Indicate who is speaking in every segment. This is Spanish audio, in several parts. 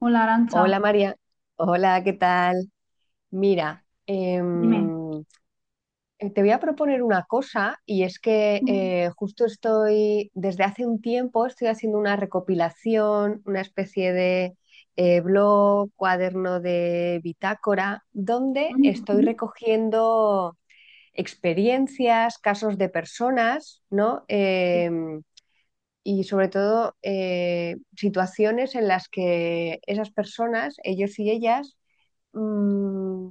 Speaker 1: Hola,
Speaker 2: Hola
Speaker 1: Arancha,
Speaker 2: María, hola, ¿qué tal? Mira,
Speaker 1: dime.
Speaker 2: te voy a proponer una cosa y es que
Speaker 1: Ujú,
Speaker 2: justo estoy, desde hace un tiempo estoy haciendo una recopilación, una especie de blog, cuaderno de bitácora, donde estoy
Speaker 1: ujú,
Speaker 2: recogiendo experiencias, casos de personas, ¿no? Y sobre todo situaciones en las que esas personas, ellos y ellas, mm,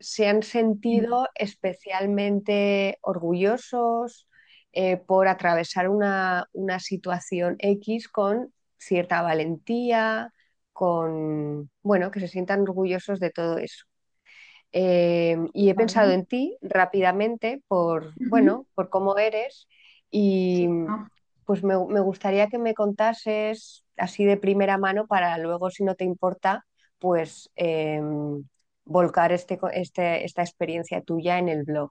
Speaker 2: se han
Speaker 1: sí,
Speaker 2: sentido especialmente orgullosos por atravesar una situación X con cierta valentía, bueno, que se sientan orgullosos de todo eso. Y he
Speaker 1: vale.
Speaker 2: pensado en ti rápidamente
Speaker 1: Ujú.
Speaker 2: bueno, por cómo eres y
Speaker 1: Sí,
Speaker 2: pues me gustaría que me contases así de primera mano para luego, si no te importa, pues volcar esta experiencia tuya en el blog.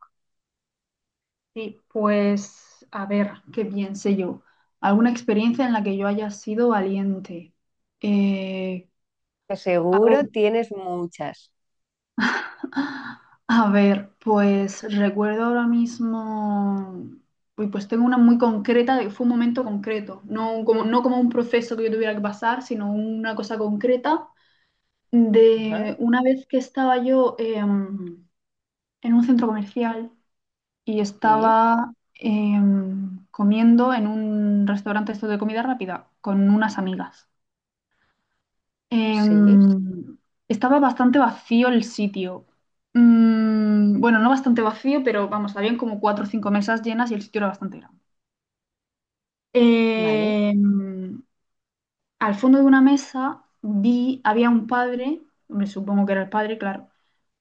Speaker 1: sí, pues a ver, qué bien sé yo. ¿Alguna experiencia en la que yo haya sido valiente? Eh,
Speaker 2: Que
Speaker 1: a ver,
Speaker 2: seguro tienes muchas.
Speaker 1: a ver, pues recuerdo ahora mismo, uy, pues tengo una muy concreta, fue un momento concreto, no como un proceso que yo tuviera que pasar, sino una cosa concreta
Speaker 2: Ajá,
Speaker 1: de una vez que estaba yo... en un centro comercial y
Speaker 2: sí,
Speaker 1: estaba comiendo en un restaurante esto de comida rápida con unas amigas.
Speaker 2: sí,
Speaker 1: Em, Estaba bastante vacío el sitio. Bueno, no bastante vacío, pero vamos, habían como cuatro o cinco mesas llenas y el sitio era bastante grande.
Speaker 2: vale,
Speaker 1: Em, Al fondo de una mesa vi, había un padre, hombre, supongo que era el padre, claro,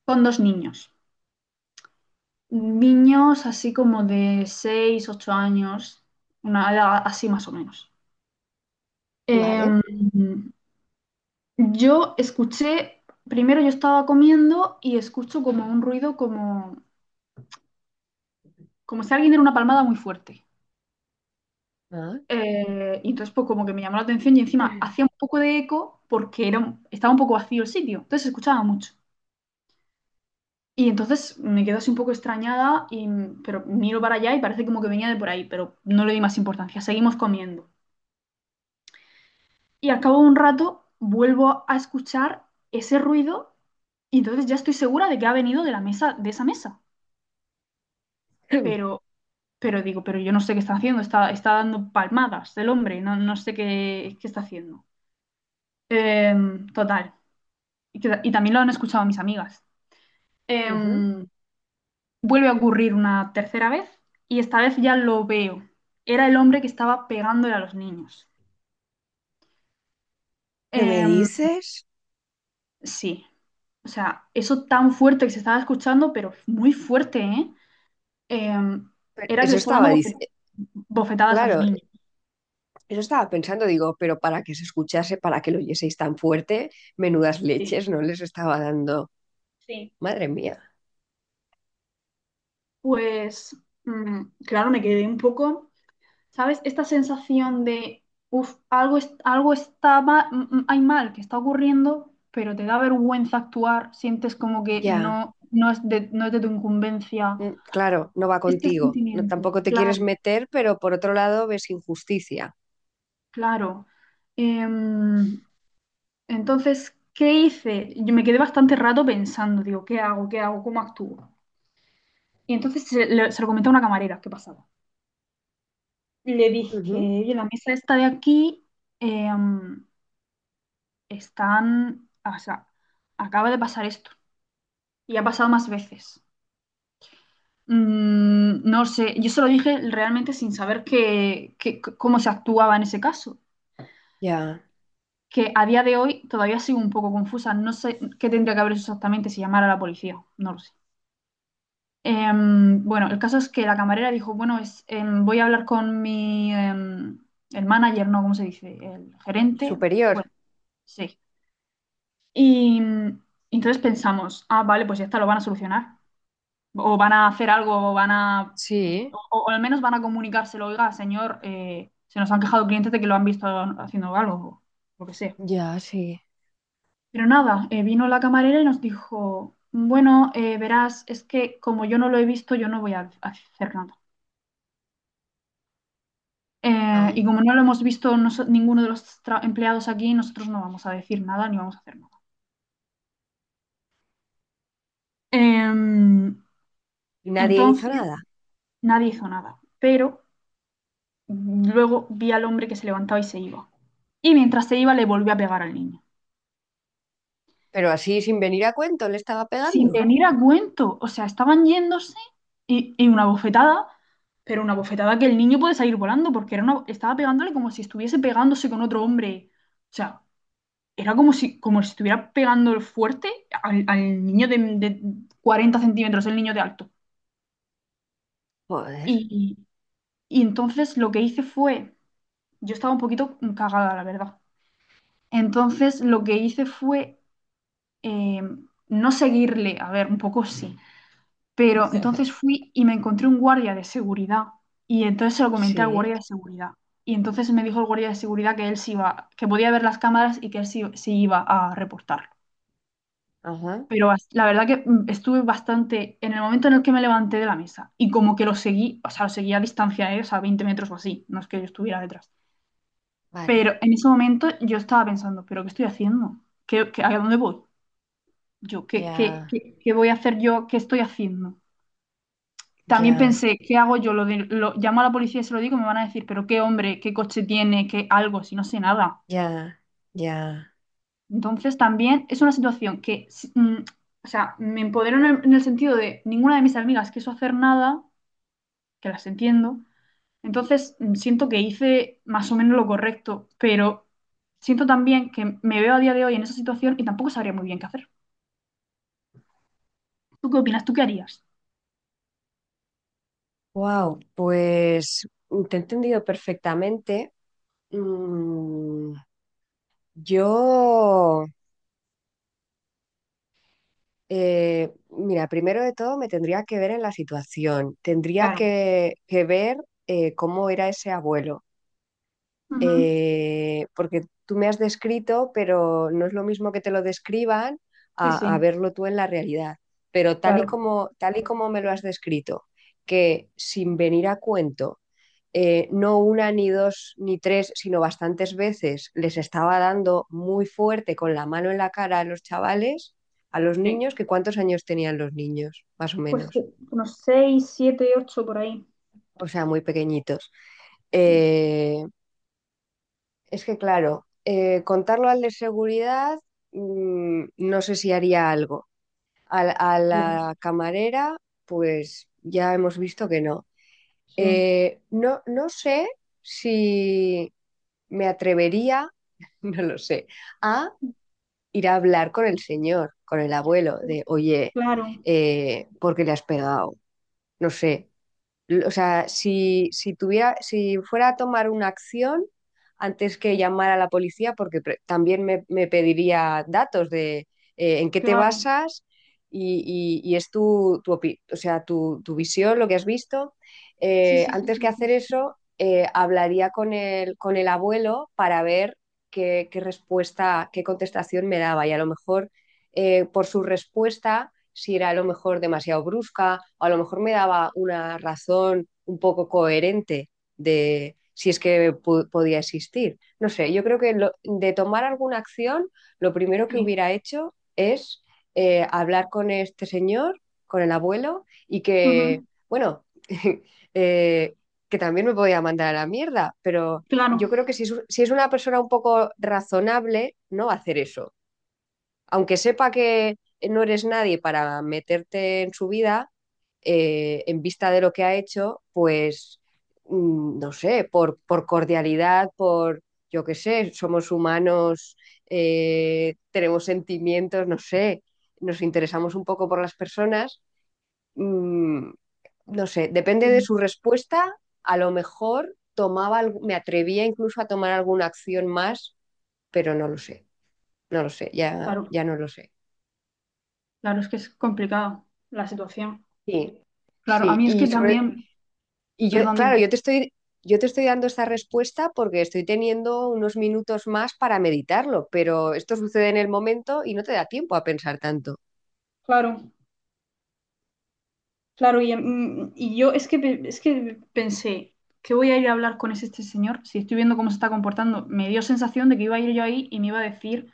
Speaker 1: con dos niños. Niños así como de 6 8 años, una edad así más o menos.
Speaker 2: vale.
Speaker 1: Em, yo escuché, primero yo estaba comiendo y escucho como un ruido como si alguien diera una palmada muy fuerte.
Speaker 2: Ah.
Speaker 1: Y entonces pues como que me llamó la atención y encima hacía un poco de eco porque estaba un poco vacío el sitio, entonces se escuchaba mucho. Y entonces me quedo así un poco extrañada, y, pero miro para allá y parece como que venía de por ahí, pero no le di más importancia, seguimos comiendo. Y al cabo de un rato vuelvo a escuchar ese ruido y entonces ya estoy segura de que ha venido de la mesa, de esa mesa. Pero, pero digo, pero yo no sé qué está haciendo, está dando palmadas el hombre, no, no sé qué está haciendo. Total. Y, y también lo han escuchado mis amigas.
Speaker 2: Ujú.
Speaker 1: Em, Vuelve a ocurrir una tercera vez y esta vez ya lo veo. Era el hombre que estaba pegándole a los niños.
Speaker 2: ¿Qué me
Speaker 1: Em,
Speaker 2: dices?
Speaker 1: sí, o sea, eso tan fuerte que se estaba escuchando, pero muy fuerte, ¿eh? eh,
Speaker 2: Pero
Speaker 1: Era que le
Speaker 2: eso
Speaker 1: estaba dando
Speaker 2: estaba,
Speaker 1: bofetadas a los
Speaker 2: claro,
Speaker 1: niños.
Speaker 2: eso estaba pensando, digo, pero para que se escuchase, para que lo oyeseis tan fuerte, menudas
Speaker 1: Sí,
Speaker 2: leches no les estaba dando.
Speaker 1: sí.
Speaker 2: Madre mía.
Speaker 1: Pues, claro, me quedé un poco, ¿sabes? Esta sensación de, uff, algo está mal, hay mal que está ocurriendo, pero te da vergüenza actuar, sientes como que
Speaker 2: Ya.
Speaker 1: no, no es de tu incumbencia.
Speaker 2: Claro, no va
Speaker 1: Este
Speaker 2: contigo. No,
Speaker 1: sentimiento,
Speaker 2: tampoco te quieres
Speaker 1: claro,
Speaker 2: meter, pero por otro lado ves injusticia.
Speaker 1: claro. Em, entonces, ¿qué hice? Yo me quedé bastante rato pensando, digo, ¿qué hago? ¿Qué hago? ¿Cómo actúo? Y entonces se lo comenté a una camarera que pasaba. Y le dije,
Speaker 2: Ujú.
Speaker 1: oye, la mesa esta de aquí em, o sea, acaba de pasar esto. Y ha pasado más veces. No sé, yo se lo dije realmente sin saber cómo se actuaba en ese caso.
Speaker 2: Ya.
Speaker 1: Que a día de hoy todavía sigo un poco confusa. No sé qué tendría que haber hecho exactamente si llamara a la policía. No lo sé. Bueno, el caso es que la camarera dijo, bueno, voy a hablar con el manager, no, ¿cómo se dice? El gerente.
Speaker 2: Superior.
Speaker 1: Bueno, sí. Y entonces pensamos, ah, vale, pues ya está, lo van a solucionar. O van a hacer algo, o van a...
Speaker 2: Sí,
Speaker 1: O, o al menos van a comunicárselo, oiga, señor, se nos han quejado clientes de que lo han visto haciendo algo, o lo que sea.
Speaker 2: ya, sí.
Speaker 1: Pero nada, vino la camarera y nos dijo, bueno, verás, es que como yo no lo he visto, yo no voy a hacer nada.
Speaker 2: Ah.
Speaker 1: Y como no lo hemos visto ninguno de los empleados aquí, nosotros no vamos a decir nada ni vamos a hacer nada. Eh,
Speaker 2: Y nadie hizo
Speaker 1: entonces,
Speaker 2: nada.
Speaker 1: nadie hizo nada, pero luego vi al hombre que se levantaba y se iba. Y mientras se iba, le volvió a pegar al niño.
Speaker 2: Pero así, sin venir a cuento, le estaba
Speaker 1: Sin
Speaker 2: pegando.
Speaker 1: venir a cuento, o sea, estaban yéndose y una bofetada, pero una bofetada que el niño puede salir volando porque era una, estaba pegándole como si estuviese pegándose con otro hombre. O sea, era como si estuviera pegando fuerte al, al niño de 40 centímetros, el niño de alto.
Speaker 2: Joder.
Speaker 1: Y, y entonces lo que hice fue, yo estaba un poquito cagada, la verdad. Entonces lo que hice fue eh, no seguirle, a ver, un poco sí, pero entonces fui y me encontré un guardia de seguridad y entonces se lo comenté al
Speaker 2: Sí.
Speaker 1: guardia de seguridad. Y entonces me dijo el guardia de seguridad que él sí iba, que podía ver las cámaras y que él sí, sí iba a reportar.
Speaker 2: Ajá.
Speaker 1: Pero la verdad que estuve bastante en el momento en el que me levanté de la mesa y como que lo seguí, o sea, lo seguí a distancia, ¿eh? O sea, 20 metros o así, no es que yo estuviera detrás.
Speaker 2: Vale.
Speaker 1: Pero en ese momento yo estaba pensando, ¿pero qué estoy haciendo? ¿Qué, a dónde voy? Yo, ¿qué,
Speaker 2: Ya,
Speaker 1: qué voy a hacer yo? ¿Qué estoy haciendo? También
Speaker 2: ya,
Speaker 1: pensé, ¿qué hago yo? Lo llamo a la policía y se lo digo, me van a decir, ¿pero qué hombre, qué coche tiene, qué algo, si no sé nada?
Speaker 2: ya, ya.
Speaker 1: Entonces también es una situación que, o sea, me empoderó en en el sentido de ninguna de mis amigas quiso hacer nada, que las entiendo. Entonces siento que hice más o menos lo correcto, pero siento también que me veo a día de hoy en esa situación y tampoco sabría muy bien qué hacer. ¿Tú qué opinas? ¿Tú qué harías?
Speaker 2: Wow, pues te he entendido perfectamente. Mm, yo. Mira, primero de todo me tendría que ver en la situación, tendría
Speaker 1: Claro,
Speaker 2: que ver cómo era ese abuelo.
Speaker 1: ujú.
Speaker 2: Porque tú me has descrito, pero no es lo mismo que te lo describan
Speaker 1: Sí,
Speaker 2: a
Speaker 1: sí,
Speaker 2: verlo tú en la realidad. Pero tal y
Speaker 1: claro.
Speaker 2: como, tal y como me lo has descrito, que sin venir a cuento no una, ni dos, ni tres, sino bastantes veces les estaba dando muy fuerte con la mano en la cara a los chavales, a los
Speaker 1: Sí,
Speaker 2: niños, que cuántos años tenían los niños, más o
Speaker 1: pues sí,
Speaker 2: menos,
Speaker 1: unos seis siete ocho por ahí.
Speaker 2: o sea, muy pequeñitos.
Speaker 1: Sí,
Speaker 2: Eh, es que claro, contarlo al de seguridad, no sé si haría algo. A, a
Speaker 1: bien,
Speaker 2: la camarera, pues ya hemos visto que no.
Speaker 1: sí,
Speaker 2: No, no sé si me atrevería, no lo sé, a ir a hablar con el señor, con el abuelo, de, oye,
Speaker 1: claro,
Speaker 2: ¿por qué le has pegado? No sé, o sea, si tuviera, si fuera a tomar una acción antes que llamar a la policía, porque también me pediría datos de en qué te
Speaker 1: claro.
Speaker 2: basas y, y es o sea, tu visión, lo que has visto.
Speaker 1: Sí, sí, sí,
Speaker 2: Antes que
Speaker 1: sí, sí,
Speaker 2: hacer
Speaker 1: sí,
Speaker 2: eso, hablaría con el abuelo para ver qué respuesta, qué contestación me daba. Y a lo mejor por su respuesta, si era a lo mejor demasiado brusca o a lo mejor me daba una razón un poco coherente de si es que podía existir. No sé, yo creo que lo, de tomar alguna acción, lo primero que hubiera hecho es hablar con este señor, con el abuelo, y que,
Speaker 1: ujú.
Speaker 2: bueno, eh, que también me podía mandar a la mierda, pero
Speaker 1: Claro,
Speaker 2: yo creo que si es una persona un poco razonable, no va a hacer eso aunque sepa que no eres nadie para meterte en su vida. En vista de lo que ha hecho, pues no sé, por cordialidad, por yo qué sé, somos humanos, tenemos sentimientos, no sé, nos interesamos un poco por las personas. mm, no sé, depende de
Speaker 1: sí,
Speaker 2: su respuesta, a lo mejor tomaba, me atrevía incluso a tomar alguna acción más, pero no lo sé, no lo sé, ya,
Speaker 1: claro,
Speaker 2: ya no lo sé.
Speaker 1: claro, es que es complicado la situación.
Speaker 2: Sí,
Speaker 1: Claro, a
Speaker 2: sí,
Speaker 1: mí es que
Speaker 2: y
Speaker 1: sí, también,
Speaker 2: yo,
Speaker 1: perdón, dime.
Speaker 2: claro, yo te estoy dando esta respuesta porque estoy teniendo unos minutos más para meditarlo, pero esto sucede en el momento y no te da tiempo a pensar tanto.
Speaker 1: Claro, claro, y, y yo es que, es que pensé, ¿qué voy a ir a hablar con este señor? Si estoy viendo cómo se está comportando, me dio sensación de que iba a ir yo ahí y me iba a decir,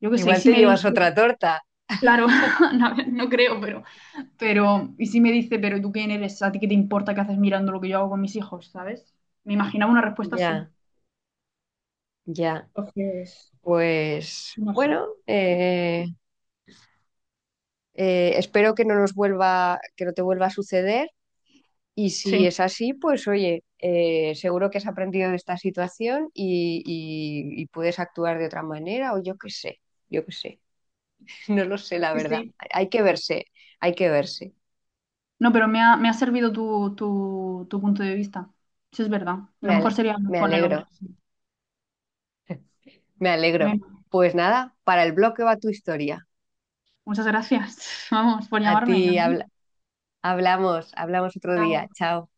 Speaker 1: yo qué sé, y
Speaker 2: Igual
Speaker 1: si
Speaker 2: te
Speaker 1: me
Speaker 2: llevas otra
Speaker 1: dice,
Speaker 2: torta.
Speaker 1: claro, no, no creo, pero, y si me dice, pero tú quién eres, a ti qué te importa qué haces mirando lo que yo hago con mis hijos, ¿sabes? Me imaginaba una respuesta así.
Speaker 2: Ya, ya.
Speaker 1: Entonces,
Speaker 2: Pues
Speaker 1: no sé.
Speaker 2: bueno, espero que no nos vuelva, que no te vuelva a suceder. Y si
Speaker 1: Sí,
Speaker 2: es así, pues oye, seguro que has aprendido de esta situación y, puedes actuar de otra manera, o yo qué sé, yo qué sé. No lo sé, la
Speaker 1: sí,
Speaker 2: verdad.
Speaker 1: sí.
Speaker 2: Hay que verse, hay que verse.
Speaker 1: No, me ha servido tu punto de vista. Eso es verdad.
Speaker 2: Me
Speaker 1: Lo mejor
Speaker 2: ale-
Speaker 1: sería hablar
Speaker 2: Me
Speaker 1: con el
Speaker 2: alegro,
Speaker 1: hombre. Sí.
Speaker 2: me alegro. Pues nada, para el bloque va tu historia.
Speaker 1: Muchas gracias, vamos, por
Speaker 2: A
Speaker 1: llamarme a
Speaker 2: ti
Speaker 1: mí.
Speaker 2: habla- Hablamos, hablamos otro
Speaker 1: Chao.
Speaker 2: día. Chao.